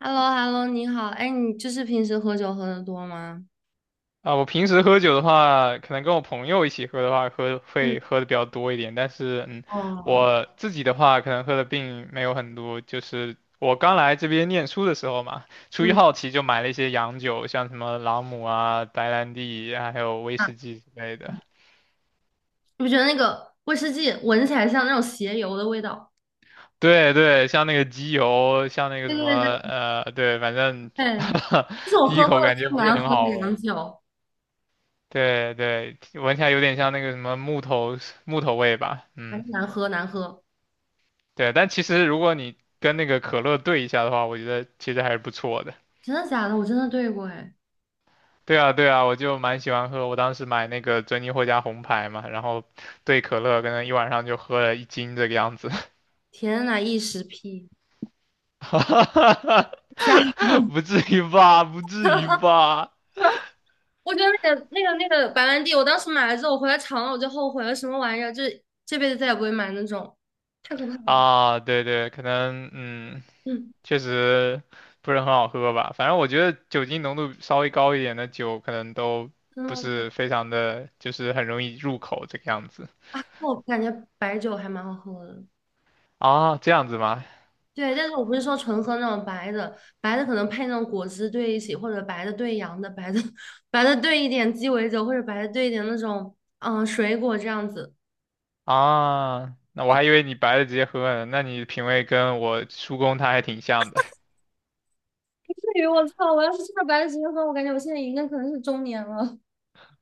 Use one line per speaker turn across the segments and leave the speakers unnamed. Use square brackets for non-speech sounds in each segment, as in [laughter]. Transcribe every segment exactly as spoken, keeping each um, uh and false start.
h e l l o h e l l o 你好，哎，你就是平时喝酒喝的多吗？
啊，我平时喝酒的话，可能跟我朋友一起喝的话，喝
嗯
会喝的比较多一点。但是，嗯，
哦，
我自己的话，可能喝的并没有很多。就是我刚来这边念书的时候嘛，出于
嗯
好奇就买了一些洋酒，像什么朗姆啊、白兰地啊，还有威
啊，
士忌之类的。
你不觉得那个威士忌闻起来像那种鞋油的味道？
对对，像那个机油，像那个
对
什么，
对对
呃，对，反正
对，
[laughs]
这是我
第一
喝过
口
的
感
最
觉不是
难
很
喝的
好
洋
闻。
酒，
对对，闻起来有点像那个什么木头木头味吧，
反
嗯。
正难喝难喝，
对，但其实如果你跟那个可乐兑一下的话，我觉得其实还是不错的。
真的假的？我真的兑过，哎，
对啊，对啊，我就蛮喜欢喝。我当时买那个珍妮获加红牌嘛，然后兑可乐，可能一晚上就喝了一斤这个样子。
天呐，一时屁，吓人
[laughs]
了！
不至于吧？不至于
[laughs]
吧？
我觉得那个那个那个白兰地，我当时买了之后，我回来尝了，我就后悔了，什么玩意儿？就是这辈子再也不会买那种，太可怕了。
啊，对对，可能嗯，
嗯，
确实不是很好喝吧。反正我觉得酒精浓度稍微高一点的酒，可能都
真
不
的，
是非常的，就是很容易入口这个样子。
啊，我感觉白酒还蛮好喝的。
啊，这样子吗？
对，但是我不是说纯喝那种白的，白的可能配那种果汁兑一起，或者白的兑洋的，白的 [laughs] 白的兑一点鸡尾酒，或者白的兑一点那种嗯水果这样子，
啊，那我还以为你白的直接喝呢，那你品味跟我叔公他还挺像的。
[laughs] 不至于，我操！我要是吃了白的直接喝，我感觉我现在已经可能是中年了。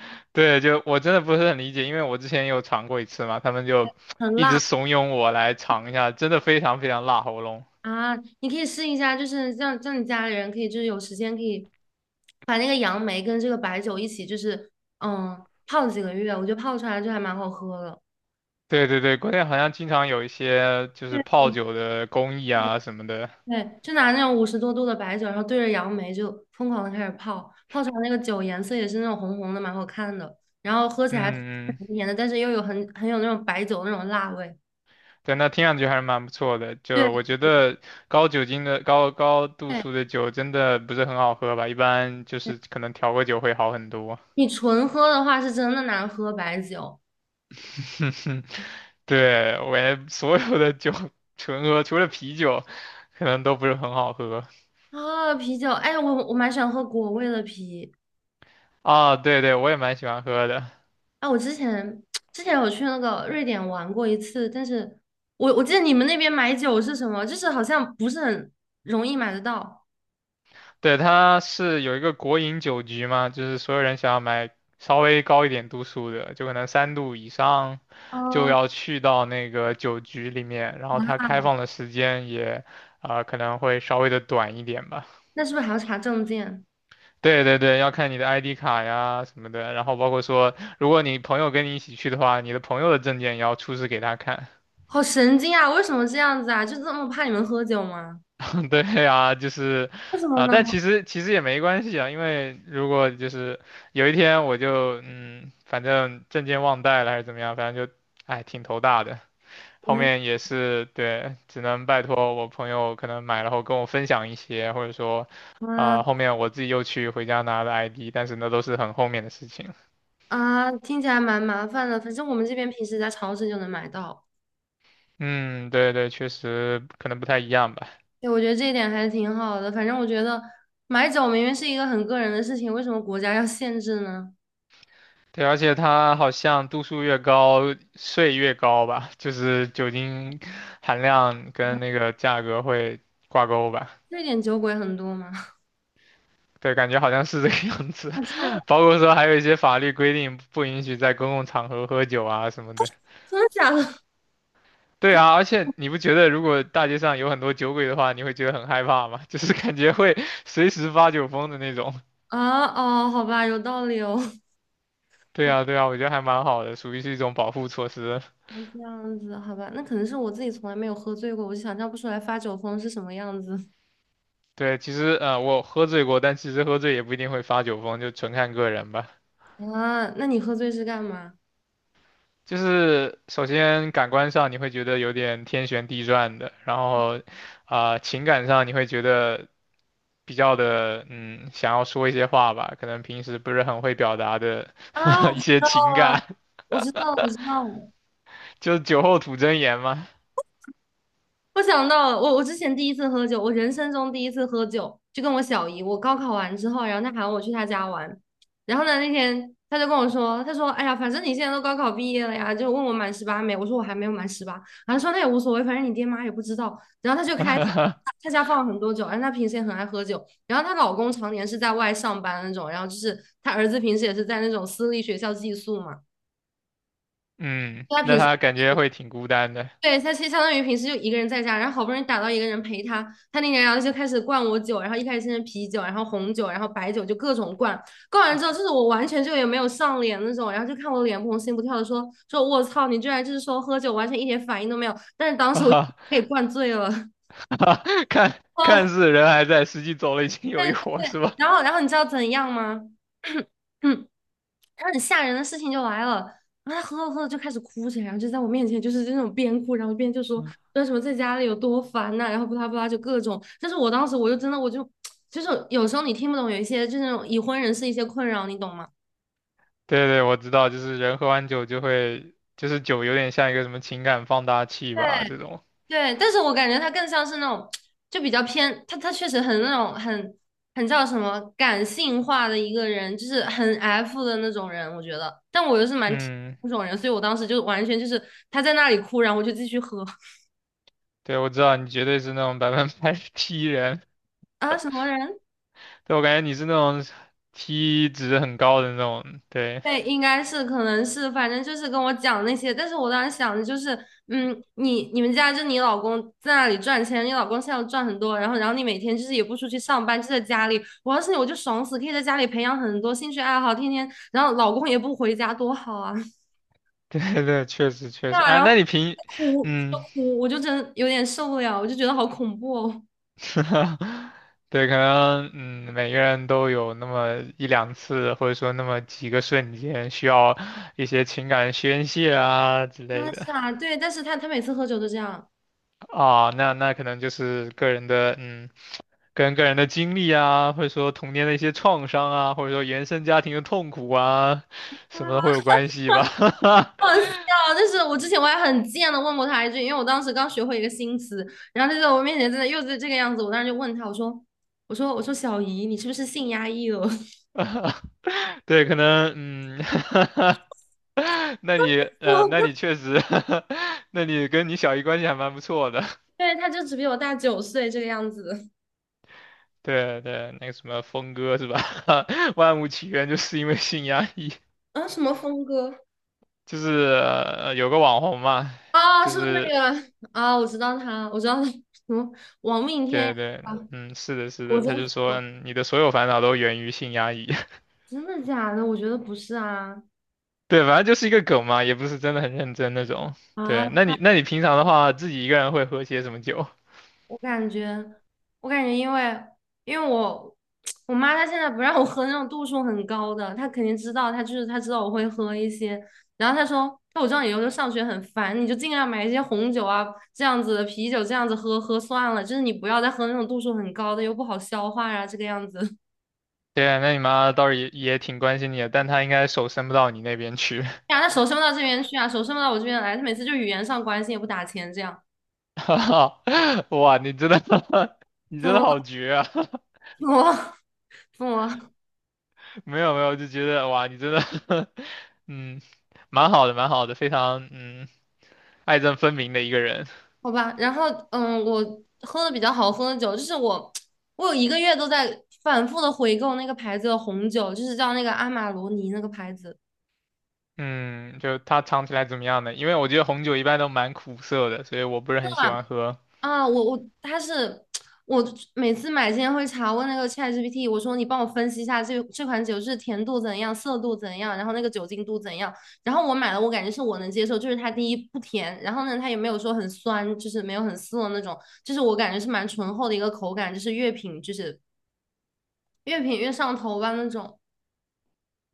[laughs] 对，就我真的不是很理解，因为我之前有尝过一次嘛，他们就
[laughs] 很
[tsk] 一直
辣
怂恿我来尝一下，真的非常非常辣喉咙。
啊！你可以试一下，就是让让你家里人可以就是有时间可以把那个杨梅跟这个白酒一起就是嗯泡几个月，我觉得泡出来就还蛮好喝的。
对对对，国内好像经常有一些就是泡酒的工艺啊什么的。
对，就拿那种五十多度的白酒，然后对着杨梅就疯狂的开始泡，泡出来那个酒颜色也是那种红红的，蛮好看的，然后喝起来甜
嗯嗯，
甜的，但是又有很很有那种白酒那种辣味。
对，那听上去还是蛮不错的。
对
就我觉得高酒精的、高高度
对，
数的酒真的不是很好喝吧，一般就是可能调个酒会好很多。
你纯喝的话是真的难喝白酒
[laughs] 哼哼，对，我也 [laughs] 所有的酒 [laughs] 纯喝，除了啤酒，可能都不是很好喝
啊，啤酒，哎，我我蛮喜欢喝果味的啤，
啊。对对，我也蛮喜欢喝的。
啊，我之前之前有去那个瑞典玩过一次，但是我我记得你们那边买酒是什么，就是好像不是很容易买得到，
对，它是有一个国营酒局嘛，就是所有人想要买稍微高一点度数的，就可能三度以上，就
哦，
要去到那个酒局里面。然后它开放的时间也，啊可能会稍微的短一点吧。
那是不是还要查证件？
对对对，要看你的 I D 卡呀什么的，然后包括说，如果你朋友跟你一起去的话，你的朋友的证件也要出示给他看。
好神经啊！为什么这样子啊？就这么怕你们喝酒吗？
[laughs] 对呀，就是，
为什么
啊、
呢？
但其实其实也没关系啊，因为如果就是有一天我就嗯，反正证件忘带了还是怎么样，反正就，哎，挺头大的。后面也是对，只能拜托我朋友可能买了后跟我分享一些，或者说，
嗯
啊、后面我自己又去回家拿了 I D，但是那都是很后面的事情。
啊啊，听起来蛮麻烦的。反正我们这边平时在超市就能买到。
嗯，对对，确实可能不太一样吧。
对，我觉得这一点还是挺好的。反正我觉得买酒明明是一个很个人的事情，为什么国家要限制呢？
对，而且它好像度数越高，税越高吧，就是酒精含量跟那
[laughs]
个价格会挂钩吧。
瑞点酒鬼很多吗？[laughs]
对，感觉好像是这个样子。
啊，真的，
[laughs] 包括说还有一些法律规定不允许在公共场合喝酒啊什么的。
真的假的？[laughs]
对啊，而且你不觉得如果大街上有很多酒鬼的话，你会觉得很害怕吗？[laughs] 就是感觉会随时发酒疯的那种。
啊哦，好吧，有道理哦。[laughs]
对啊，对啊，我觉得还蛮好的，属于是一种保护措施。
那这样子，好吧，那可能是我自己从来没有喝醉过，我就想象不出来发酒疯是什么样子。
对，其实呃，我喝醉过，但其实喝醉也不一定会发酒疯，就纯看个人吧。
[laughs] 啊。那你喝醉是干嘛？
就是首先感官上你会觉得有点天旋地转的，然后啊、情感上你会觉得比较的嗯，想要说一些话吧，可能平时不是很会表达的
啊，
[laughs] 一些情感，
我知道，我知道，
[laughs] 就是酒后吐真言嘛。
我想到了我我之前第一次喝酒，我人生中第一次喝酒，就跟我小姨，我高考完之后，然后她喊我去她家玩，然后呢那天她就跟我说，她说，哎呀，反正你现在都高考毕业了呀，就问我满十八没，我说我还没有满十八，然后说那也无所谓，反正你爹妈也不知道，然后她就开始，
[laughs]
她家放了很多酒，然后她平时也很爱喝酒，然后她老公常年是在外上班那种，然后就是她儿子平时也是在那种私立学校寄宿嘛。
嗯，
她
那
平时
他感觉会挺孤单的，
对，他其实相当于平时就一个人在家，然后好不容易打到一个人陪他，他那年然后就开始灌我酒，然后一开始先是啤酒，然后红酒，然后白酒，就各种灌。灌完之后，就是我完全就也没有上脸那种，然后就看我脸不红心不跳的说说，我操，你居然就是说喝酒完全一点反应都没有，但是当时我
[laughs]
给灌醉了。
哈哈
[laughs]
看
哦，
看似人还在，实际走了已经
但
有一伙，是吧？
然后然后你知道怎样吗？[coughs] [clears throat] 然后很吓人的事情就来了，然后他喝着喝着就开始哭起来，然后就在我面前就是那种边哭，然后边就说
[laughs]
那什么在家里有多烦呐、然后不拉不拉就各种。但是我当时我就真的我就 [tsk] 就是有时候你听不懂有一些就是那种已婚人士一些困扰，你懂吗？
对对，我知道，就是人喝完酒就会，就是酒有点像一个什么情感放大器吧，
对
这种。
对，但是我感觉他更像是那种就比较偏，他他确实很那种很很叫什么感性化的一个人，就是很 F 的那种人，我觉得。但我又是蛮 T
嗯，
那种人，所以我当时就完全就是他在那里哭，然后我就继续喝。
对，我知道你绝对是那种百分百 [laughs] T 人，
啊，什么人？
对，我感觉你是那种 T 值很高的那种。对，
对，应该是，可能是，反正就是跟我讲那些。但是我当时想的就是，嗯，你你们家就你老公在那里赚钱，你老公现在赚很多，然后然后你每天就是也不出去上班，就在家里。我要是你，我就爽死，可以在家里培养很多兴趣爱好，天天，然后老公也不回家，多好啊！[laughs]
对对对，确实确
对
实。
啊，
啊，
然后
那你平，
哭就
嗯，
哭，我就真有点受不了，我就觉得好恐怖哦。
[laughs] 对，可能嗯，每个人都有那么一两次，或者说那么几个瞬间需要一些情感宣泄啊之
啊，
类的。
是啊，对，但是他他每次喝酒都这样。
啊，那那可能就是个人的嗯。跟个人的经历啊，或者说童年的一些创伤啊，或者说原生家庭的痛苦啊，什么的会有关系吧？
好笑，就是我之前我还很贱的问过他一句，因为我当时刚学会一个新词，然后他就在我面前真的又是这个样子，我当时就问他，我说，我说，我说小姨，你是不是性压抑了？
[laughs] 对，可能嗯，[laughs] 那你
[laughs]
呃，那
我，
你确实，[laughs] 那你跟你小姨关系还蛮不错的。
对，他就只比我大九岁这个样子。
对对，那个什么峰哥是吧？[laughs] 万物起源就是因为性压抑，
啊，什么峰哥？
就是呃有个网红嘛，
啊，
就
是不是那
是
个啊？我知道他，我知道他，什么王命天
对
涯
对，
啊？
嗯，是的，是
我
的，
真
他就说
服，
嗯你的所有烦恼都源于性压抑。
真的假的？我觉得不是啊
对，反正就是一个梗嘛，也不是真的很认真那种。对，那
啊！
你那你平常的话，自己一个人会喝些什么酒？[laughs]
我感觉，我感觉，因为因为我 [tsk] 我妈她现在不让我喝那种度数很高的，她肯定知道，她就是她知道我会喝一些，然后她说，那我知道你以后上学很烦，你就尽量买一些红酒啊这样子的啤酒这样子喝喝算了，就是你不要再喝那种度数很高的，又不好消化啊这个样子。[laughs]
对啊，那你妈倒是也也挺关心你的，但她应该手伸不到你那边去。
呀，那手伸不到这边去啊，手伸不到我这边来，她每次就语言上关心也不打钱这样，
[laughs] 哇，你真的，[laughs] 你
怎
真的
么，
好绝啊！
疯魔疯魔。
[laughs] 没有没有，就觉得哇，你真的，[laughs] 嗯，蛮好的，蛮好的，非常嗯爱憎分明的一个人。
好吧，然后嗯，我喝的比较好喝的酒，就是我，我有一个月都在反复的回购那个牌子的红酒，就是叫那个阿玛罗尼那个牌子，真
嗯，就它尝起来怎么样呢？因为我觉得红酒一般都蛮苦涩的，所以我不是
的
很喜
吧？
欢喝。
啊，我我它是我每次买之前会查问那个 ChatGPT，我说你帮我分析一下这这款酒是甜度怎样、涩度怎样，然后那个酒精度怎样，然后我买了，我感觉是我能接受，就是它第一不甜，然后呢它也没有说很酸，就是没有很涩那种，就是我感觉是蛮醇厚的一个口感，就是乐品就是越品越上头吧那种。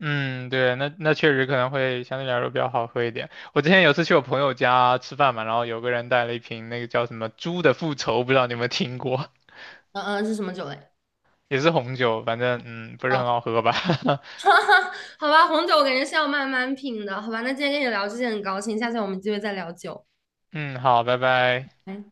嗯，对，那那确实可能会相对来说比较好喝一点。我之前有次去我朋友家吃饭嘛，然后有个人带了一瓶那个叫什么“猪的复仇”，不知道你有没有听过，
嗯嗯，是什么酒类？
也是红酒，反正嗯不是
哦，
很
[laughs]
好喝吧。[laughs]
哈哈，好吧，红酒我感觉是要慢慢品的，好吧？那今天跟你聊这些很高兴，下次我们有机会再聊酒。
嗯，好，拜拜。
拜。